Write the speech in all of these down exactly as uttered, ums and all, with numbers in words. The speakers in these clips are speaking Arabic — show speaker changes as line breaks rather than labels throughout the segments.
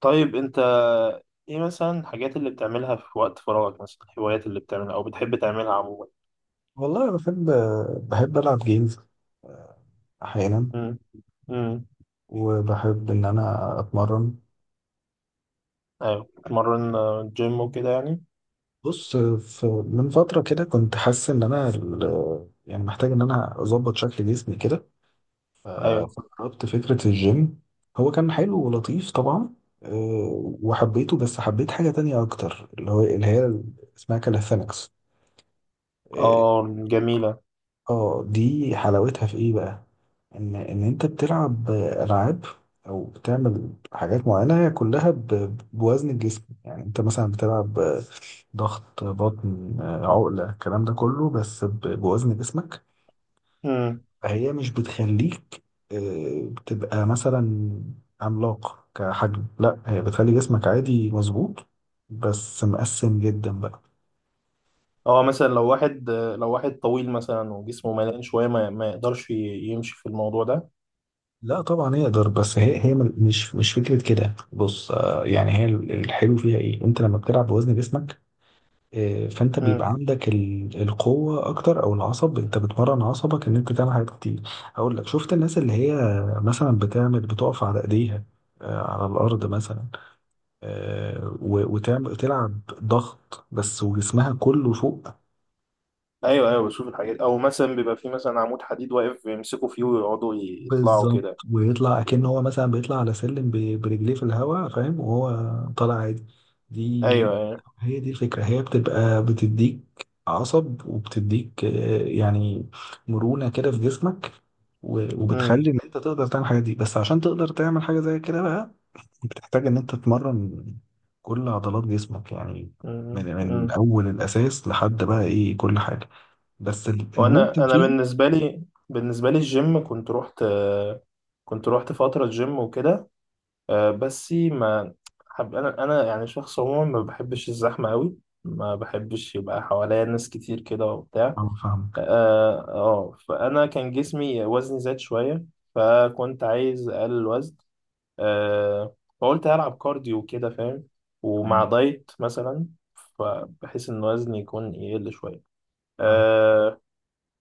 طيب انت ايه مثلا الحاجات اللي بتعملها في وقت فراغك مثلا الهوايات اللي بتعملها او بتحب تعملها عموما.
والله أنا بحب بحب ألعب جيمز أحيانا.
امم امم
وبحب إن أنا أتمرن.
ايوه، بتمرن، آه، جيم وكده يعني.
بص، ف- من فترة كده كنت حاسس إن أنا ال- يعني محتاج إن أنا أظبط شكل جسمي كده. ف-
ايوه.
فجربت فكرة الجيم. هو كان حلو ولطيف طبعا. آه، وحبيته، بس حبيت حاجة تانية أكتر، اللي هو اللي هي اسمها كاليثينكس. اه.
اه، جميلة.
آه، دي حلاوتها في إيه بقى؟ ان ان انت بتلعب العاب او بتعمل حاجات معينه، هي كلها ب- بوزن الجسم. يعني انت مثلا بتلعب ضغط، بطن، عقله، الكلام ده كله بس ب- بوزن جسمك.
امم
فهي مش بتخليك آه، تبقى مثلا عملاق كحجم، لا، هي بتخلي جسمك عادي مظبوط، بس مقسم جدا بقى.
اه، مثلا لو واحد آه، لو واحد طويل مثلا وجسمه مليان شوية، ما, ما يقدرش ي- يمشي في الموضوع ده.
لا طبعا يقدر، بس هي هي مل- مش مش فكره كده. بص، آه، يعني هي ال- الحلو فيها ايه، انت لما بتلعب بوزن جسمك إيه، فانت بيبقى
امم
عندك ال- القوه اكتر، او العصب، انت بتمرن عصبك ان انت تعمل حاجات كتير. اقول لك، شفت الناس اللي هي مثلا بتعمل بتقف على ايديها، آه، على الارض مثلا، آه، و- وتعمل تلعب ضغط بس وجسمها كله فوق.
ايوه ايوه، بشوف الحاجات، او مثلا بيبقى في مثلا عمود حديد واقف يمسكوا فيه ويقعدوا يطلعوا
بالظبط.
كده.
ويطلع كأنه هو مثلا بيطلع على سلم ب- برجليه في الهواء، فاهم، وهو طالع عادي. دي
ايوه ايوه.
هي دي الفكرة. هي بتبقى بتديك عصب وبتديك آه، يعني مرونة كده في جسمك، و- وبتخلي ان انت تقدر تعمل حاجة دي. بس عشان تقدر تعمل حاجة زي كده بقى، بتحتاج ان انت تتمرن كل عضلات جسمك يعني، من من
امم
اول الاساس لحد بقى ايه، كل حاجة. بس الممتع
وانا انا
فيها.
بالنسبه لي بالنسبه لي الجيم كنت رحت كنت رحت فتره جيم وكده، آه، بس ما حب، انا انا يعني شخص عموما ما بحبش الزحمه قوي، ما بحبش يبقى حواليا ناس كتير كده وبتاع.
اه، فاهمك.
اه، آه، فانا كان جسمي، وزني زاد شويه، فكنت عايز اقلل الوزن. آه فقلت هلعب كارديو كده فاهم، ومع
تمام.
دايت مثلا، فبحيث ان وزني يكون يقل شويه.
فاهمك.
آه،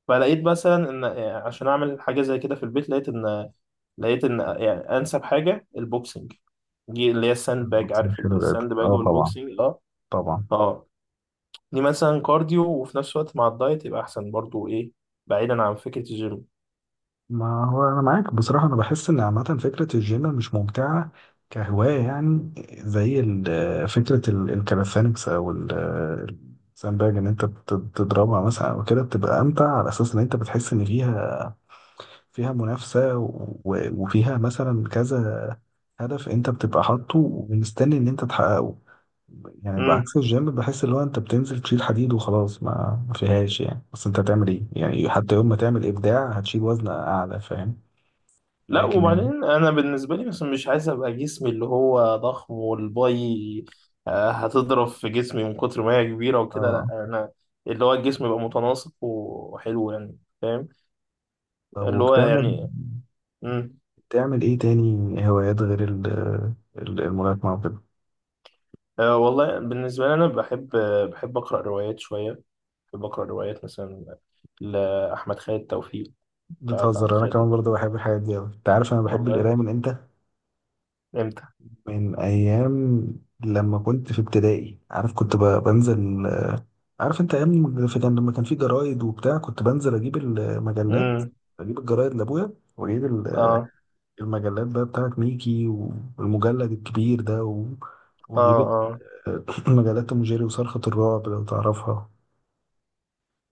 فلقيت مثلا ان يعني عشان اعمل حاجه زي كده في البيت، لقيت ان لقيت ان يعني انسب حاجه البوكسنج، دي اللي هي الساند باج،
البوكسنج،
عارف
شيل القدر،
الساند باج
اه طبعا،
والبوكسنج؟ اه.
طبعا.
اه، دي مثلا كارديو وفي نفس الوقت مع الدايت يبقى احسن، برضو ايه، بعيدا عن فكره الجيم.
ما هو انا معاك بصراحه، انا بحس ان عامه فكره الجيم مش ممتعه كهوايه يعني. زي ال- فكره ال- الكاليستانكس، او ال- الساندباج، ان انت بت- بتضربها مثلا او كده، بتبقى امتع على اساس ان انت بتحس ان فيها فيها منافسه، و- وفيها مثلا كذا هدف انت بتبقى حاطه ومستني ان انت تحققه. يعني
امم
بعكس الجيم، بحس اللي هو انت بتنزل تشيل حديد وخلاص، ما ما فيهاش يعني، بس انت هتعمل ايه يعني، حتى يوم ما تعمل ابداع هتشيل وزن اعلى، فاهم.
لا،
لكن ال-
وبعدين انا بالنسبه لي مثلا مش عايز ابقى جسمي اللي هو ضخم والباي، آه، هتضرب في جسمي من كتر ما هي كبيره وكده،
اه
لا انا اللي هو الجسم يبقى متناسق وحلو يعني فاهم،
طب،
اللي هو
وبتعمل
يعني. مم.
بتعمل ايه تاني هوايات غير ال- ال- الملاكمة وكده؟
أه والله بالنسبة لي أنا بحب بحب أقرأ روايات شوية، بحب أقرأ روايات مثلا لأحمد خالد توفيق. تعرف أحمد
بتهزر، انا
خالد
كمان
توفيق؟
برضه بحب الحاجات دي اوي، انت عارف انا بحب
والله،
القراية من امتى.
إمتى؟
من ايام لما كنت في ابتدائي، عارف، كنت ب- بنزل، عارف، انت ايام في- كان لما كان في جرايد وبتاع، كنت بنزل اجيب المجلات،
امم
اجيب الجرايد لابويا، واجيب ال-
آه
المجلات بقى بتاعت ميكي، والمجلد الكبير ده و...
آه
وجيب ال-
آه.
مجلات مجيري، وصرخة الرعب لو تعرفها.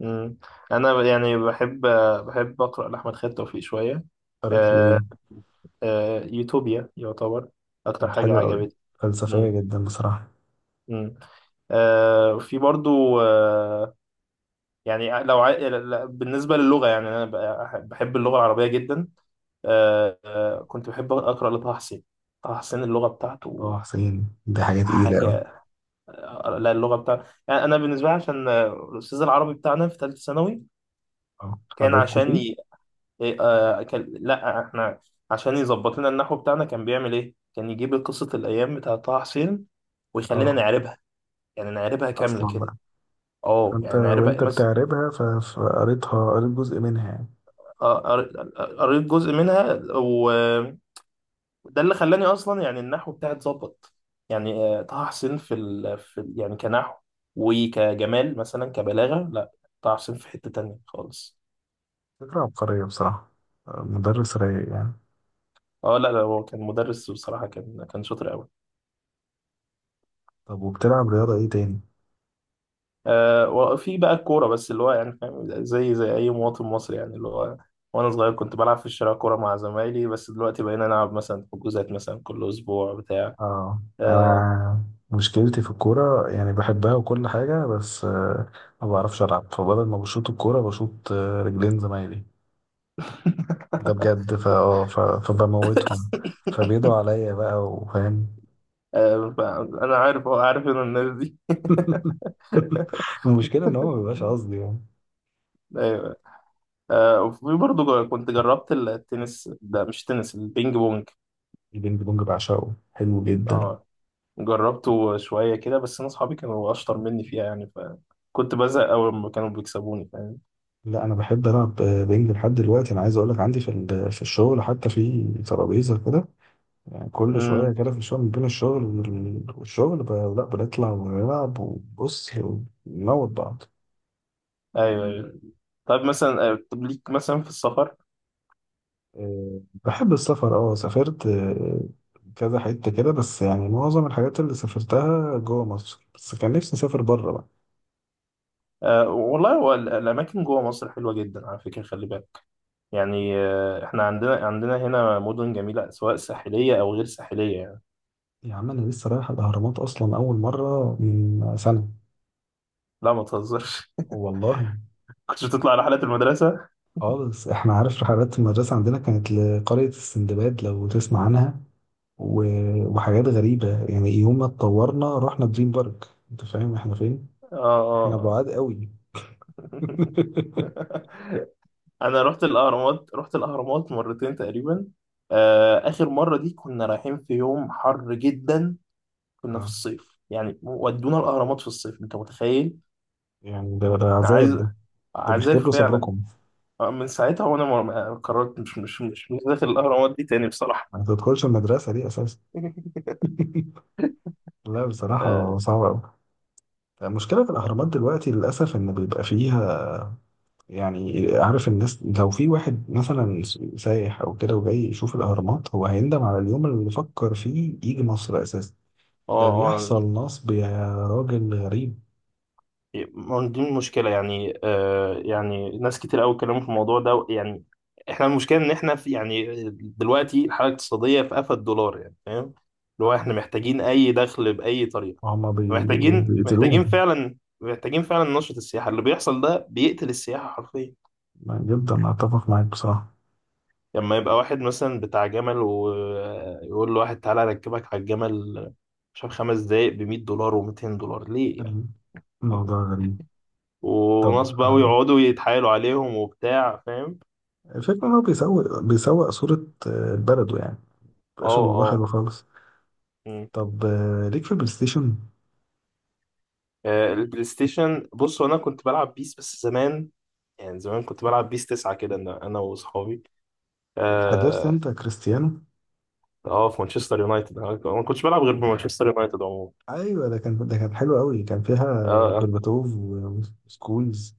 امم أنا ب- يعني بحب بحب أقرأ لأحمد خالد توفيق شوية.
قريت له ايه؟
آه. آه، يوتوبيا يعتبر أكتر
كانت
حاجة
حلوة قوي،
عجبتني.
فلسفية
امم
جدا بصراحة.
امم آه في برضو، آه، يعني لو عاي... بالنسبة للغة يعني أنا بحب بحب اللغة العربية جدا. آه، آه، كنت بحب أقرأ لطه حسين. طه حسين اللغة بتاعته
اه، حسين دي حاجة تقيلة قوي.
حاجة. لا، اللغة بتاعته يعني أنا بالنسبة لي عشان، آه، الأستاذ العربي بتاعنا في ثالثة ثانوي،
اه،
كان
حبيبكوا
عشان
فيه.
ي... إيه، آه، كان... لا، إحنا عشان يظبط لنا النحو بتاعنا كان بيعمل إيه؟ كان يجيب قصة الأيام بتاعة طه حسين ويخلينا
اه
نعربها، يعني نعربها كاملة
اصلا
كده.
بقى.
أه
فانت
يعني نعربها
وانت
مثلا.
بتعربها ف- فقريتها، قريت جزء منها يعني.
آه، قريت قريت جزء منها. ده اللي خلاني اصلا يعني النحو بتاعي اتظبط. يعني آه، طه حسين في ال... في ال- يعني كنحو وكجمال مثلا كبلاغه، لا طه حسين في حته تانية خالص.
فكرة عبقرية بصراحة. آه، مدرس رايق يعني.
اه، لا لا، هو كان مدرس بصراحه، كان كان شاطر قوي.
طب، وبتلعب رياضة ايه تاني؟
آه وفي بقى الكوره، بس اللي هو يعني فاهم، زي زي اي مواطن مصري يعني اللي هو، وانا صغير كنت بلعب في الشارع كوره مع زمايلي، بس دلوقتي بقينا نلعب مثلا حجوزات مثلا كل اسبوع بتاع.
اه،
آه.
انا مشكلتي في الكوره يعني، بحبها وكل حاجه، بس آه، ما بعرفش العب، فبدل ما بشوط الكوره بشوط آه، رجلين زمايلي. ده بجد. فا اه ف- فبموتهم، فبيدوا عليا بقى، وفاهم.
آه فانا عارف، هو عارف ان الناس دي.
المشكله ان هو ما بيبقاش قصدي يعني.
ايوه. آه وفي برضه ج- كنت جربت التنس، ده مش تنس البينج بونج.
البينج بونج بعشقه، حلو جدا.
اه، جربته شوية كده، بس أنا أصحابي كانوا أشطر مني فيها يعني، فكنت بزهق أول ما كانوا بيكسبوني فاهم.
لا، انا بحب العب آه، بينج لحد دلوقتي. انا عايز اقول لك، عندي في ال- في الشغل حتى في ترابيزه كده يعني. كل شوية
امم
كده في الشغل، بين الشغل وال- والشغل، ب- لا بنطلع ونلعب وبص، ونموت بعض.
أيوه أيوه. طيب مثلا، آه، طب ليك مثلا في السفر؟
آه، بحب السفر. اه سافرت آه، كذا حتة كده، بس يعني معظم الحاجات اللي سافرتها جوه مصر بس، كان نفسي أسافر بره بقى.
آه والله هو ال- الأماكن جوه مصر حلوة جدا على فكرة، خلي بالك، يعني آه إحنا، عندنا عندنا هنا مدن جميلة سواء ساحلية أو غير ساحلية يعني.
يا عم، أنا لسه رايح الأهرامات أصلا أول مرة من سنة.
لا، ما تهزرش.
والله.
كنتش بتطلع رحلات المدرسة؟
خالص، احنا، عارف، رحلات المدرسة عندنا كانت لقرية السندباد لو تسمع عنها، و- وحاجات غريبة يعني، يوم ما اتطورنا رحنا دريم بارك. انت فاهم احنا فين؟
اه
احنا
اه.
بعاد قوي.
آه. انا رحت الاهرامات رحت الاهرامات مرتين تقريبا. آه، اخر مره دي كنا رايحين في يوم حر جدا، كنا في
اه،
الصيف يعني، ودونا الاهرامات في الصيف، انت متخيل؟
يعني ده ده عذاب
عايز،
ده، ده
عذاب
بيختبروا
فعلا.
صبركم.
آه، من ساعتها وانا ما- ما قررت، مش مش مش مش داخل الاهرامات دي تاني بصراحه.
ما تدخلش المدرسة دي اساسا. لا
اه
بصراحة صعبة قوي. المشكلة في الأهرامات دلوقتي للأسف إن بيبقى فيها، يعني عارف، الناس لو في واحد مثلا سايح أو كده وجاي يشوف الأهرامات، هو هيندم على اليوم اللي فكر فيه يجي مصر أساسا.
اه.
ده
آه،
بيحصل نصب يا راجل غريب.
ما هو دي المشكلة يعني، آه يعني ناس كتير قوي اتكلموا في الموضوع ده يعني، احنا المشكلة ان احنا في يعني، دلوقتي الحالة الاقتصادية في قفا الدولار يعني فاهم، اللي هو
اه،
احنا محتاجين اي دخل بأي طريقة.
هما بي...
محتاجين محتاجين
بيقتلوهم.
فعلا، محتاجين فعلا نشرة السياحة اللي بيحصل ده بيقتل السياحة حرفيا.
جدا، أتفق معاك بصراحة.
لما يبقى واحد مثلا بتاع جمل ويقول لواحد تعالى اركبك على الجمل، مش عارف، خمس دقايق ب مئة دولار ومئتين دولار ليه يعني؟
الموضوع غريب. طب،
وناس بقى
آه،
ويقعدوا يتحايلوا عليهم وبتاع فاهم.
الفكرة إن هو بيسوق بيسوق صورة آه، بلده يعني، مبقاش
اه
الموضوع حلو
اه.
خالص.
مم.
طب، آه، ليك في البلاي ستيشن؟
آه، البلاي ستيشن، بص انا كنت بلعب بيس بس زمان، يعني زمان كنت بلعب بيس تسعة كده، انا انا واصحابي.
حضرت
اه.
أنت كريستيانو؟
اه، في مانشستر يونايتد، انا أنا ما كنتش بلعب غير بمانشستر يونايتد عموما.
أيوة، ده كان ده كان حلو أوي. كان فيها
اه.
برباتوف، و- وسكولز،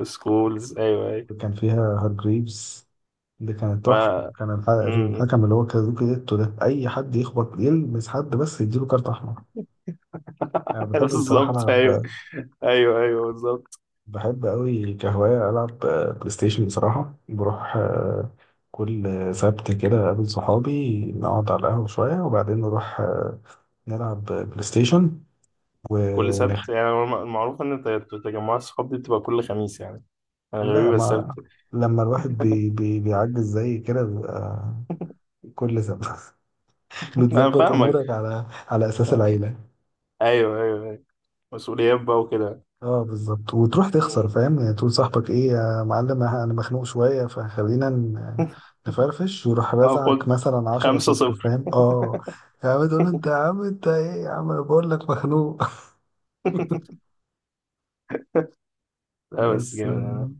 آه، سكولز، ايوه ايوه.
وكان فيها هارجريفز. دي كانت
ف
تحفة. كان الح-
مم.
الحكم اللي هو كازوكي ديتو ده، أي حد يخبط، يلمس حد بس، يديله كارت أحمر. أنا بحب بصراحة
بالظبط، ايوه.
ألعب،
ايوه ايوه بالظبط.
بحب أوي كهواية ألعب آه، بلاي ستيشن بصراحة. بروح آه، كل سبت كده، أقابل صحابي، نقعد على القهوة شوية، وبعدين نروح آه، نلعب بلاي ستيشن،
كل
ونخ...
سبت يعني الم- المعروف ان ت- تجمعات الصحاب دي بتبقى كل خميس يعني، انا
لا
غريب السبت.
ما لما الواحد بي... بي... بيعجز زي كده، بيبقى كل سبت.
انا
بتظبط
فاهمك.
أمورك على على أساس
آه.
العيلة.
ايوه ايوه ايوه، مسؤوليات بقى وكده.
اه بالظبط، وتروح تخسر
مم.
فاهم يعني، تقول صاحبك، ايه يا معلم، انا أنا مخنوق شويه، فخلينا ن- نفرفش، ويروح رازعك
هاخد
مثلا 10
خمسة
صفر،
صفر
فاهم اه. يا عم، تقول له، انت يا عم، انت ايه يا عم، أنا بقول لك مخنوق.
لا بس
بس
جامد انا.
آه،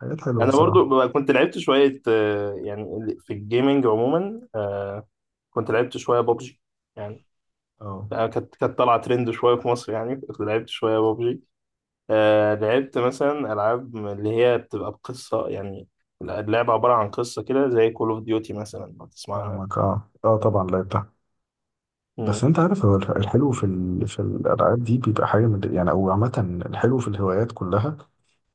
حاجات حلوه
أنا
بصراحه.
برضو بقى كنت لعبت شوية، آه، يعني ال- في الجيمنج عموما، آه، كنت لعبت شوية بابجي يعني،
اه
آه، كانت كانت طالعة ترند شوية في مصر يعني، كنت لعبت شوية بابجي. آه، لعبت مثلا ألعاب اللي هي بتبقى بقصة يعني، اللعبة عبارة عن قصة كده زي كول اوف ديوتي مثلا لو تسمعنا.
فاهمك. اه، اه طبعا، لعبتها. بس
مم.
انت عارف، هو الح- الحلو في ال... في الالعاب دي بيبقى حاجه من... يعني، او عامه الحلو في الهوايات كلها،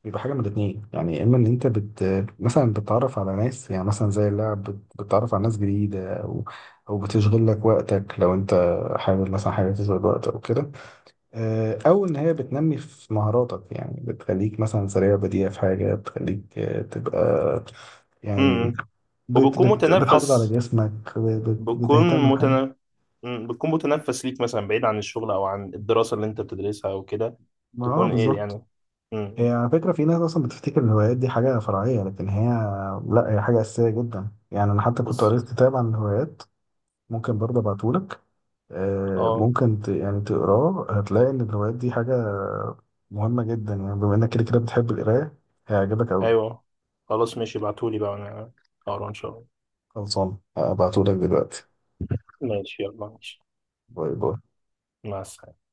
بيبقى حاجة من الاتنين يعني. يا إما إن أنت بت مثلا بتتعرف على ناس، يعني مثلا زي اللعب بت- بتتعرف على ناس جديدة، أو أو بتشغل لك وقتك لو أنت حابب مثلا حاجة تشغل وقت أو كده، آه، أو إن هي بتنمي في مهاراتك، يعني بتخليك مثلا سريع بديع في حاجة، بتخليك آه، تبقى يعني
مم.
بت
وبتكون
بت بتحافظ على
متنافس،
جسمك، بت بت-
بتكون
بتهتم بحاجة.
متنا... مم، بتكون متنفس ليك مثلا بعيد عن الشغل او عن الدراسه اللي انت بتدرسها او كده،
ما آه
تكون ايه
بالظبط.
يعني.
هي
مم،
على فكرة في ناس أصلا بتفتكر إن الهوايات دي حاجة فرعية، لكن هي لأ، هي حاجة أساسية جدا يعني. أنا حتى كنت
بس،
قريت كتاب عن الهوايات، ممكن برضه أبعتهولك، آه،
اه،
ممكن ت... يعني تقراه، هتلاقي إن الهوايات دي حاجة مهمة جدا يعني. بما إنك كده كده بتحب القراية، هيعجبك أوي.
ايوه. خلاص ماشي، ابعتولي بقى انا اقرا ان شاء الله.
خلصان، هبعتهولك دلوقتي.
ماشي، يلا ماشي،
باي باي.
مع السلامه.